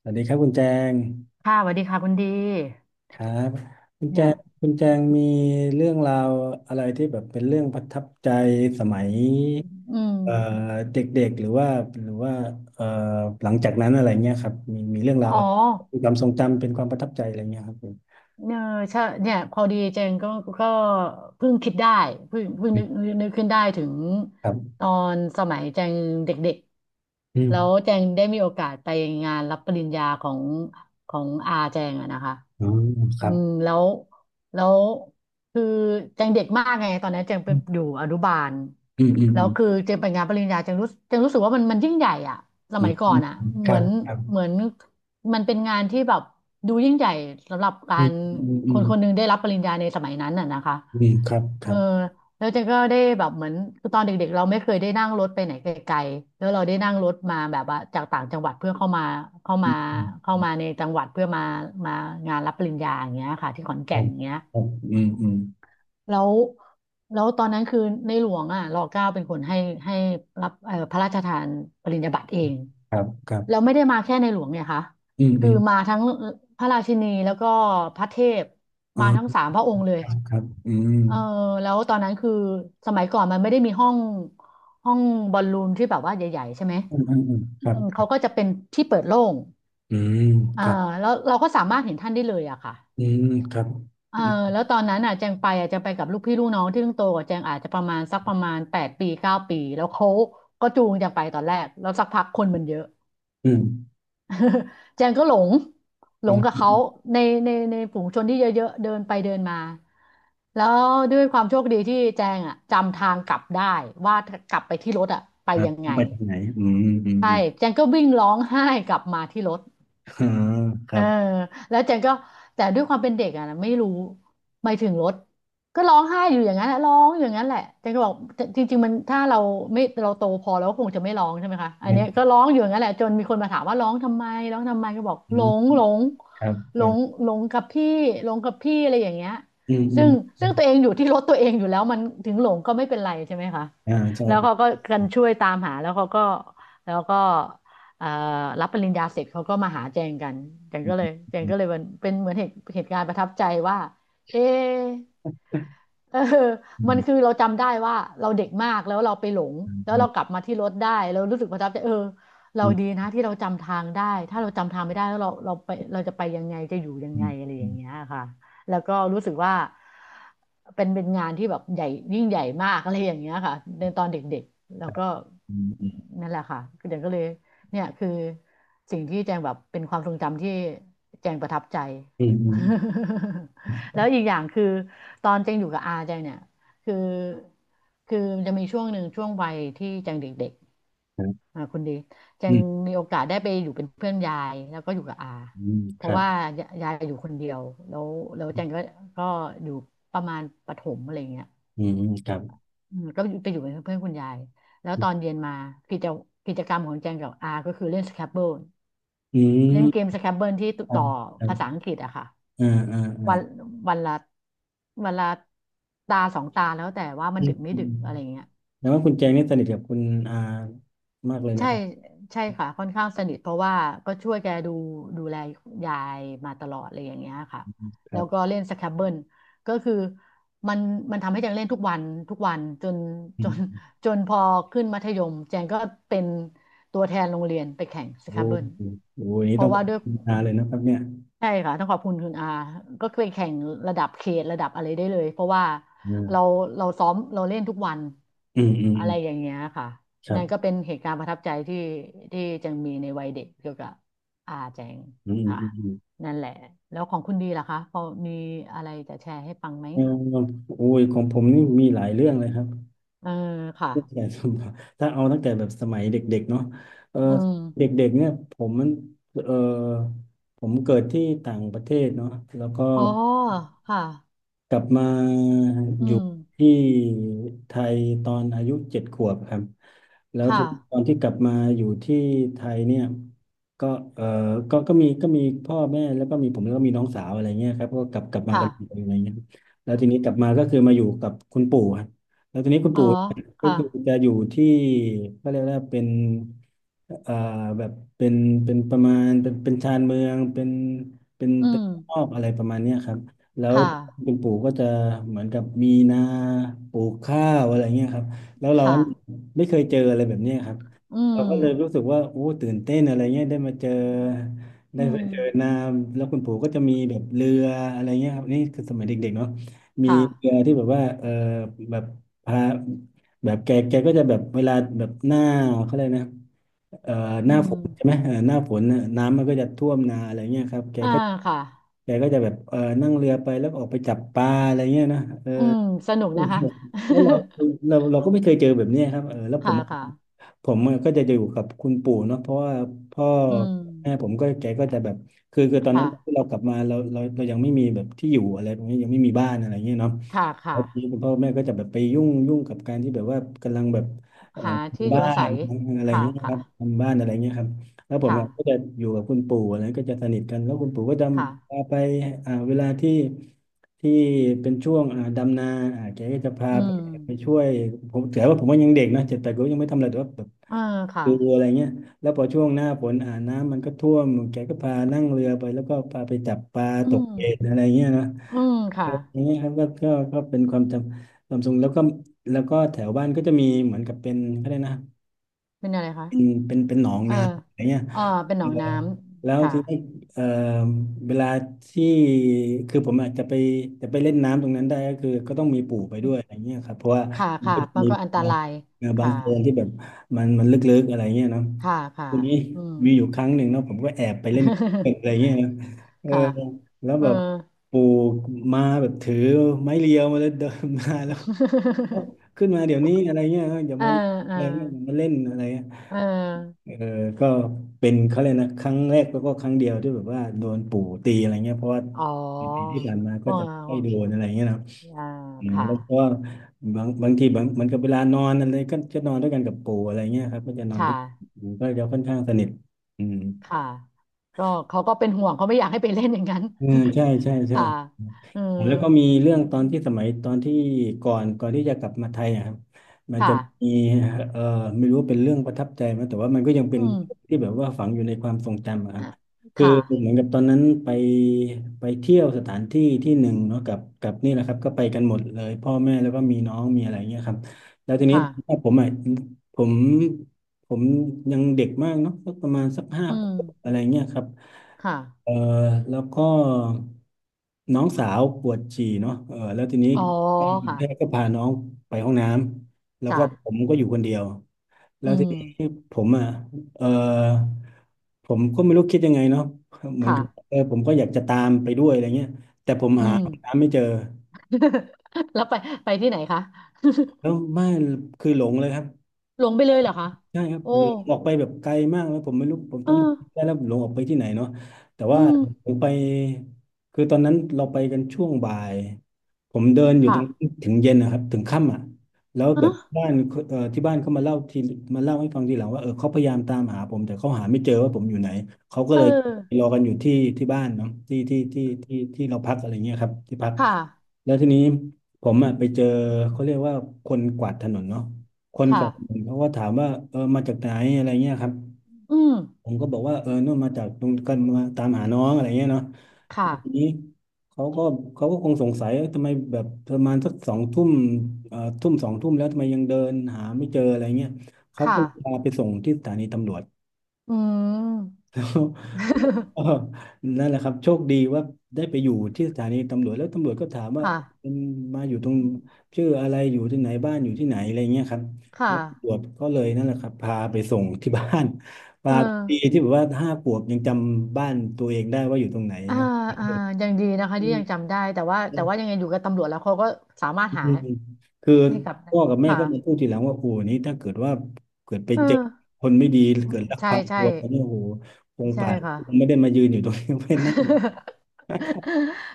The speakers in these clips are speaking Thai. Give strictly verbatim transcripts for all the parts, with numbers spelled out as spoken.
สวัสดีครับคุณแจงค่ะสวัสดีค่ะคุณดีครับคุณแจเนี่ยงคุณแจงมีเรื่องราวอะไรที่แบบเป็นเรื่องประทับใจสมัยอืมเอ่อเด็กๆหรือว่าหรือว่าเอ่อหลังจากนั้นอะไรเงี้ยครับมีมีเรื่องราอ๋วอเป็นความทรงจำเป็นความประทับใจอะไรเงี้ยครับผมเนี่ยใช่เนี่ยพอดีเจงก็ก็เพิ่งคิดได้เพิ่งเพิ่งอืนึมกนึกนึกขึ้นได้ถึงครับตอนสมัยแจงเด็กอืๆแล้วมแจงได้มีโอกาสไปงานรับปริญญาของของอาแจงอะนะคะอ๋อคอืรับมแล้ว แล้วคือแจงเด็กมากไงตอนนั้นแจงเป็นอยู่อนุบาลอืมอืมแล้วคือแจงไปงานปริญญาแจงรู้แจงรู้สึกว่ามันมันยิ่งใหญ่อะสอืมัมยก่ออืนมอะอืมคเหรัมือบนครับเหมือนมันเป็นงานที่แบบดูยิ่งใหญ่สำหรับกาอืมรอืมคอืมนคนหนึงได้รับปริญญาในสมัยนั้นน่ะนะคะอืมครับคเออรับแล้วเจนก็ได้แบบเหมือนคือตอนเด็กๆเราไม่เคยได้นั่งรถไปไหนไกลๆแล้วเราได้นั่งรถมาแบบว่าจากต่างจังหวัดเพื่อเข้ามาเข้าอืมามอืมเข้ามาในจังหวัดเพื่อมามางานรับปริญญาอย่างเงี้ยค่ะที่ขอนแก่นอย่างเงี้ย ครับครับอืมอืมแล้วแล้วตอนนั้นคือในหลวงอ่ะรอเก้าเป็นคนให้ให้รับเอ่อพระราชทานปริญญาบัตรเองครับครับแล้วไม่ได้มาแค่ในหลวงเนี่ยค่ะอืมคือือมมาทั้งพระราชินีแล้วก็พระเทพอ๋อ มาทั้งสามพระองค์เลคยรับครับอืมเออแล้วตอนนั้นคือสมัยก่อนมันไม่ได้มีห้องห้องบอลลูนที่แบบว่าใหญ่ๆใช่ไหมอืมอืมอืมคอืรับมเขาก็จะเป็นที่เปิดโล่งอืมอ่าครับแล้วเราก็สามารถเห็นท่านได้เลยอะค่ะ อืมครับเออือมแล้วตอนนั้นอ่ะแจงไปอ่ะแจงไปกับลูกพี่ลูกน้องที่เพิ่งโตกว่าแจงอาจจะประมาณสักประมาณแปดปีเก้าปีแล้วเขาก็จูงแจงไปตอนแรกแล้วสักพักคนมันเยอะ อืม แจงก็หลงหลอืงกับเขามในในในฝูงชนที่เยอะๆเดินไปเดินมาแล้วด้วยความโชคดีที่แจงอ่ะจำทางกลับได้ว่ากลับไปที่รถอ่ะไปครับยังต้อไงงไปทางไหนอืมอืมอืใช่มแจงก็วิ่งร้องไห้กลับมาที่รถ อ่าคเอรัอบแล้วเจนก็แต่ด้วยความเป็นเด็กอะนะไม่รู้หมายถึงรถก็ร้องไห้อยู่อย่างนั้นแหละร้องอยู่อย่างนั้นแหละเจนก็บอกจริงๆมันถ้าเราไม่เราโตพอแล้วก็คงจะไม่ร้องใช่ไหมคะอัอืนเนี้ยมก็ร้องอยู่อย่างนั้นแหละจนมีคนมาถามว่าร้องทำไมร้องทำไมก็บอกอืหลมงหลงครับคหลรังบหลงกับพี่หลงกับพี่อะไรอย่างเงี้ยอืมอืซึ่มงอืซึ่งมตัวเองอยู่ที่รถตัวเองอยู่แล้วมันถึงหลงก็ไม่เป็นไรใช่ไหมคะอ่าใช่แล้วครับเขาก็กันช่วยตามหาแล้วเขาก็แล้วก็ เอ่อรับปริญญาเสร็จเขาก็มาหาแจงกันแจงอืก็เลยมแจงก็เลยเป็นเป็นเหมือนเหตุเหตุการณ์ประทับใจว่าเอะเอออืมันมคือเราจำได้ว่าเราเด็กมากแล้วเราไปหลงอืแล้วเรากมลับมาที่รถได้เรารู้สึกประทับใจเออเราดีอนะที่เราจำทางได้ถ้าเราจำทางไม่ได้แล้วเราเราไปเราจะไปยังไงจะอยู่ยังืไงอะไรอย่างมเงี้ยค่ะแล้วก็รู้สึกว่าเป็นเป็นงานที่แบบใหญ่ยิ่งใหญ่มากอะไรอย่างเงี้ยค่ะในตอนเด็กๆแล้วก็อืมนั่นแหละค่ะเดี๋ยวก็เลย เนี่ยคือสิ่งที่แจงแบบเป็นความทรงจำที่แจงประทับใจ แล้วอีกอย่างคือตอนแจงอยู่กับอาแจงเนี่ยคือคือมันจะมีช่วงหนึ่งช่วงวัยที่แจงเด็กครับๆอ่าคุณดีแจอืมอืมอืมอืงมอืมอืมมีโอกาสได้ไปอยู่เป็นเพื่อนยายแล้วก็อยู่กับอาอืมเพคราะรับว่ายายายอยู่คนเดียวแล้วแล้วแจงก็ก็อยู่ประมาณประถมอะไรเงี้ยอืมอืมครับอืมก็ไปอยู่เป็นเพื่อนคุณยายแล้วอืตมอนครับเย็นมากิจกิจกรรมของแจงกับอาก็คือเล่นสแครบเบิล อืเล่นเกมมสแครบเบิลที่ครัต่บอครัภาษาบอังกฤษอะค่ะอ่าอ่าอ่าวันวันละวันละตาสองตาแล้วแต่ว่ามัอืนมดึกไม่อืดึมกอือะมไรเงี้ย แล้วว่าคุณแจงนี่สนิทกับคุณอามากเลยใช่นะครับ ใช่ค่ะค่อนข้างสนิทเพราะว่าก็ช่วยแกดูดูแลยายมาตลอดอะไรอย่างเงี้ยค่ะคแล้รัวก็บเล่นสแครบเบิลก็คือมันมันทำให้แจงเล่นทุกวันทุกวันจนอืจน ม จนพอขึ้นมัธยมแจงก็เป็นตัวแทนโรงเรียนไปแข่งสแครโอ้บเบิลโหโอ้โหอันนี้เพต้อราะงขอว่าบด้วยคุณนาเลยนะครับเนี่ยใช่ค่ะต้องขอบคุณคุณอาก็เคยแข่งระดับเขตระดับอะไรได้เลยเพราะว่าอ่าเราเราซ้อมเราเล่นทุกวันอืมอืมอะอืมไรอย่างเงี้ยค่ะ ครันั่นก็บเป็นเหตุการณ์ประทับใจที่ที่แจังมีในวัยเด็กเกี่ยวกับอาแจงอืมค่ะอืมอืมอืมนั่นแหละแล้วของคุณดีล่ะคะพอมีอะไรจะแชร์ให้ฟังไหมเออโอ้ยของผมนี่มีหลายเรื่องเลยครับ เออค่ะตั้งแต่สมัยถ้าเอาตั้งแต่แบบสมัยเด็กๆเนาะเอออืมเด็กๆเนี่ยผมมันเออผมเกิดที่ต่างประเทศเนาะแล้วก็อ๋อค่ะกลับมาอือยู่มที่ไทยตอนอายุเจ็ดขวบครับ แล้วค่ะทีนี้ตอนที่กลับมาอยู่ที่ไทยเนี่ยก็เออก็ก็มีก็มีพ่อแม่แล้วก็มีผมแล้วก็มีน้องสาวอะไรเงี้ยครับก็กลับกลับมาค่ะกันมเยอะไรเงี้ยครับแล้วทีนี้กลับมาก็คือมาอยู่กับคุณปู่ครับแล้วทีนี้คุณอ๋อปู่เนี่ยก็ค่ะคือจะอยู่ที่ก็เรียกว่าเป็นเอ่อแบบเป็นเป็นประมาณเป็นเป็นชานเมืองเป็นเป็นอืเป็นมนอกอะไรประมาณเนี้ยครับแล้วค่ะคุณปู่ก็จะเหมือนกับมีนาปลูกข้าวอะไรเงี้ยครับแล้วเรา ค่ะไม่เคยเจออะไรแบบเนี้ยครับอืเรามก็เลยรู้สึกว่าโอ้ตื่นเต้นอะไรเงี้ยได้มาเจอได้อืไปมเจอน้ำแล้วคุณปู่ก็จะมีแบบเรืออะไรเงี้ยครับนี่คือสมัยเด็กๆเนาะมีค่ะเรือที่แบบว่าเออแบบพาแบบแกแกก็จะแบบเวลาแบบหน้าเขาเลยกนะเอ่อหอืน้าฝมนใช่ไหมเออหน้าฝนน่ะน้ำมันก็จะท่วมนาอะไรเงี้ยครับแกอ่าก็ค่ะแกก็จะแบบเออนั่งเรือไปแล้วก็ออกไปจับปลาอะไรเงี้ยนะเอออืมสนุกนะคะ แล้วเราเราเราก็ไม่เคยเจอแบบเนี้ยครับเออแล้ว ผค่ะม ค่ะผมอะก็จะอยู่กับคุณปู่เนาะเพราะว่าพ่ออืแม่ผมมก็แกก็จะแบบคือคือตอนนั้ค่ะนที่เรากลับมาเราเราเรายังไม่มีแบบที่อยู่อะไรตรงนี้ยังไม่มีบ้านอะไรเงี้ยเนาะค่ะแล้ค่ะ วทีนี้คุณพ่อคุณแม่ก็จะแบบไปยุ่งยุ่งกับการที่แบบว่ากำลังแบบเอ่อหาที่อทำยู่บ้าอาศันยอะไรค่ะ เงี้ยคค่ะรับทำบ้านอะไรเงี้ยครับแล้วผมค่ะอะก็จะอยู่กับคุณปู่อะไรก็จะสนิทกันแล้วคุณปู่ก็จะพาค่ะไปอ่าเวลาที่ที่เป็นช่วงอ่าดำนาอ่าแกก็จะพาอืไปมไปช่วยผมถือว่าผมว่ายังเด็กนะเจ็ดแปดก็ยังไม่ทำอะไรแต่ว่า อ่าค่ะดูอะไรเงี้ยแล้วพอช่วงหน้าฝนอ่าน้ำมันก็ท่วมแกก็พานั่งเรือไปแล้วก็พาไปจับปลาอืตกมเบ็ดอะไรเงี้ยนะอืมค่ะ อย่างเงี้ยครับก็ก็ก็เป็นความจำความทรงแล้วก็แล้วก็แถวบ้านก็จะมีเหมือนกับเป็นก็ได้นะเป็นอะไรคะเป็นเป็นเป็นหนองเออน้ำอะไรเงี้ยอ่าเป็นหนเออองน้แล้ำวค่ะทีนี้เออเวลาที่คือผมอาจจะไปจะไปเล่นน้ำตรงนั้นได้ก็คือก็ต้องมีปู่ไปอืด้วมยอะไรเงี้ยครับเพราะว่าค่ะมันค่ะ ก็จะมันมีก็อันตราย เอ่อบางค่ะ โคลนที่แบบมันมันลึกๆอะไรเงี้ยเนาะ ค่ะค่ะทีนี้อืม มีอยู่ครั้งหนึ่งเนาะผมก็แอบไปเล่นเกม อะไรเงี้ยนะเออค่ะแล้วเออ แบบปู่มาแบบถือไม้เรียวมาแล้วเดินมาแล้วเอ้า ขึ้นมาเดี๋ยวนี้อะไรเงี้ยออย่าเออมาเออะอไรเงี้ยอย่ามาเล่นอะไรเงี้ยเออเออก็เป็นเขาเลยกนะครั้งแรกแล้วก็ครั้งเดียวที่แบบว่าโดนปู่ตีอะไรเงี้ยเพราะว่าอ๋อปีที่ผ่านมาก็อ๋จะไม่โดอนอะไรเงี้ยนะอ่าอืมค่ะแล้วก็บางบางทีบางมันก็เวลานอนอะไรก็จะนอนด้วยกันกับปู่อะไรเงี้ยครับก็จะนอนค่ะ ด้วยก็จะค่อนข้างสนิทอืม ค่ะก็เขาก็เป็นห่วงเขาไม่อยากให้ไปเล่นอย่างนั้น อืมใช่ใช่ ใช่ค่ะเออแล้วก็มีเรื่องอืตมอนที่สมัยตอนที่ก่อนก่อนที่จะกลับมาไทยอะครับมันค่ะจะมีเอ่อไม่รู้ว่าเป็นเรื่องประทับใจไหมแต่ว่ามันก็ยังเป็อืนมที่แบบว่าฝังอยู่ในความทรงจำอะครัอ่ะบคือค่ะเหมือนกับตอนนั้นไปไปเที่ยวสถานที่ที่หนึ่งเนาะกับกับนี่แหละครับก็ไปกันหมดเลยพ่อแม่แล้วก็มีน้องมีอะไรเงี้ยครับแล้วทีนี้ค่ะผมอ่ะผมผมยังเด็กมากเนาะสักประมาณสักห้าอืขมวบอะไรเงี้ยครับ ค่ะเออแล้วก็น้องสาวปวดฉี่เนาะเออแล้วทีนี้อ๋อค่ะแพทย์ก็พาน้องไปห้องน้ำแล้วจ้ะก็ผมก็อยู่คนเดียวแล้อืวทีมนี้ผมอ่ะเออผมก็ไม่รู้คิดยังไงเนาะเหมือนค่ะกับเออผมก็อยากจะตามไปด้วยอะไรเงี้ยแต่ผมอืหาม ห้องน้ำไม่เจอ แล้วไปไปที่ไหนคะ แล้วไม่คือหลงเลยครับ หลงไปเลยเหรอคะใช่ครับโอ้หลงออกไปแบบไกลมากแล้วผมไม่รู้ผมตเออนผมอได้แล้วหลงออกไปที่ไหนเนาะแต่อืว่ามผมไปคือตอนนั้นเราไปกันช่วงบ่ายผมเดินอยู่ตค่ะรงถึงเย็นนะครับถึงค่ำอ่ะแล้วเอแบอบบ้านเอ่อที่บ้านเขามาเล่าทีมาเล่าให้ฟังทีหลังว่าเออเขาพยายามตามหาผมแต่เขาหาไม่เจอว่าผมอยู่ไหนเขาก็เอเลยรออกันอยู่ที่ที่บ้านเนาะที่ที่ที่ที่ที่เราพักอะไรเงี้ยครับที่พัก ค่ะแล้วทีนี้ผมอ่ะไปเจอเขาเรียกว่าคนกวาดถนนเนาะคนกค่ะวาดถนนเขาก็ถามว่าเออมาจากไหนอะไรเงี้ยครับอืมผมก็บอกว่าเออนู่นมาจากตรงกันมาตามหาน้องอะไรเงี้ยเนาะแล้ค่ะวทีนี้เขาก็เขาก็คงสงสัยเอ้ยทำไมแบบประมาณสักสองทุ่มเอ่อทุ่มสองทุ่มแล้วทำไมยังเดินหาไม่เจออะไรเงี้ยเขาก็ค่ะพาไปส่งที่สถานีตำรวจ อืม แล้วก็ นั่นแหละครับโชคดีว่าได้ไปอยู่ที่สถานีตำรวจแล้วตำรวจก็ถามว่าค่ะ เป็นมาอยู่ตรงชื่ออะไรอยู่ที่ไหนบ้านอยู่ที่ไหนอะไรเงี้ยครับค่ะแล้วตำรวจก็เลยนั่นแหละครับพาไปส่งที่บ้าน เพาดีออที่แบบว่าห้าขวบยังจำบ้านตัวเองได้ว่าอยู่ตรงไหนอ่าเนาะอ่ายังดีนะคะอืที่มยังจำได้แต่ว่าอแต่ว่ายังไงอยู่กับตำรวจแล้วเขาก็สามารถืหามคือให้กลับได้พ่อกับแม่ค่ะก็มาพูดทีหลังว่าโอ้โหนี่ถ้าเกิดว่าเกิดไปเออเจอคนไม่ดีเกิดลักใช่พาใช่ตัวเขาเนี่ยโอ้โหคงใช่ป่านค่ะ คงไม่ได้มายืนอยู่ตรงนี้ ไม่นั่ง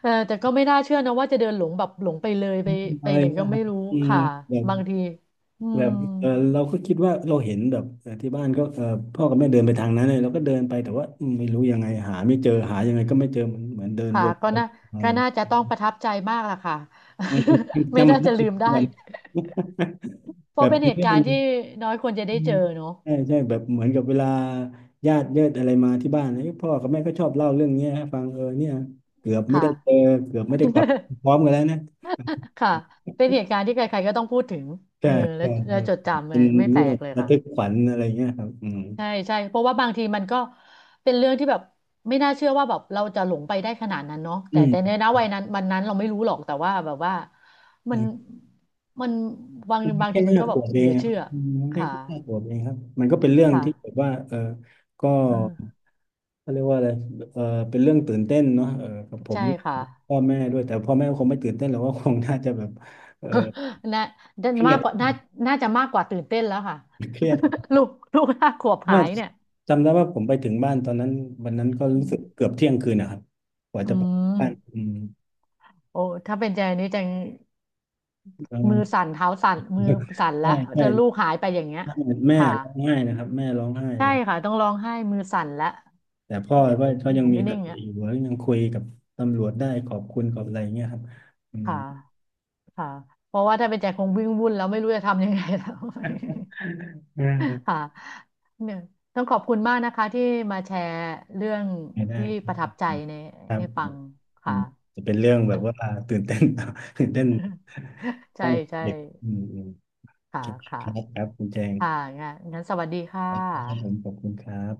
เออแต่ก็ไม่น่าเชื่อนะว่าจะเดินหลงแบบหลงไปเลยไปอะไปไรไหนเงี้ก็ยครัไม่บรู้อืมค่ะแบบบางทีอืแบมบเออเราก็คิดว่าเราเห็นแบบเอ่อที่บ้านก็เออพ่อกับแม่เดินไปทางนั้นเลยเราก็เดินไปแต่ว่าอืมไม่รู้ยังไงหาไม่เจอหายังไงก็ไม่เจอเหมือนเหมือนเดินวค่ะนไปก็วน่านมาอะก็ไรน่าเงี้จะยต้องประทับใจมากล่ะค่ะ มันก็ ไม่จำมัน น่า ได้จะเป็ลืนมได้วัน เพ แบราะบเป็นเป็นเหตุเรื่กาอรงณ์ที่น้อยคนจะอืได้มเจอเนอะใช่ใช่แบบเหมือนกับเวลาญาติเยอะอะไรมาที่บ้านเอ้ยพ่อกับแม่ก็ชอบเล่าเรื่องเนี้ยให้ฟังเออเนี่ยเกือบไม่ค่ะ ได้เจอเกือบไม่ได้กลับพ ร้อมกันแล้วนะค่ะเป็นเหตุการณ์ที่ใครๆก็ต้องพูดถึงเอใช่อและใช่และใช่จดจำเลเป็ยนไม่แปเรื่ลองกเลยระค่ะทึกขวัญอะไรเงี้ยครับอืม ใช่ใช่เพราะว่าบางทีมันก็เป็นเรื่องที่แบบไม่น่าเชื่อว่าแบบเราจะหลงไปได้ขนาดนั้นเนาะอืแต่แต่ในมนะวัยนั้นวันนั้นเราไม่รู้หรอกแต่ว่าแบบว่ามัอืนมมันบางมันบางแค่ทีมันห้าก็ขแบบวบเอเหลืงออะเชื่ออืมแค่ค่ะห้าขวบเองครับมันก็เป็นเรื่องที่แบบค่ะว่าเออก็เออเขาเรียกว่าอะไรเออเป็นเรื่องตื่นเต้นเนาะเออกับผมใช่ค่ะ พ่อแม่ด้วยแต่พ่อแม่ก็คงไม่ตื่นเต้นหรอกว่าคงน่าจะแบบเออ น่าน่าเครียมากกว่าดน่าน่าจะมากกว่าตื่นเต้นแล้วค่ะ เครียดรับ ลูกลูกห้าขวบหาว่ายเนี่ยจำได้ว่าผมไปถึงบ้านตอนนั้นวันนั้นก็อืรู้สึกเกืมอบเที่ยงคืนนะครับกว่าอืจะไปบ้านม อืมโอ้ถ้าเป็นใจนี้จังมือเออ สั่นเท้าสั่น มือสั่นใช่ละเธใช่อลูกหายไปอย่างเงี้ยแม่ค่ะร้องไห้นะครับแม่ร้องไห้เลใช่ย ค่ะต้องร้องไห้มือสั่นละแต่พ่อก็ก็อยังยู่มีไม่สนิ่งติอ่ะอยู่แล้วยังคุยกับตำรวจได้ขอบคุณขอบอะไรเงี้ยครับอืมค่ะค่ะเพราะว่าถ้าเป็นใจคงวิ่งวุ่นแล้วไม่รู้จะทำยังไงแล้ว อ่ าค่ะเนี่ยต้องขอบคุณมากนะคะที่มาแชร์เรื่องไม่ได้ที่ประทับใจในครับให้ฟังอืค่ะ มจะเป็นเรื่องแบบว่าตื่นเต้น ตื่นเต้น ต้ใช่องใช่เด็กอืมอืมโอค่ะเคค่ะครับคุณแจงค่ะงั้นงั้นสวัสดีค่ะครับผมขอบคุณครับ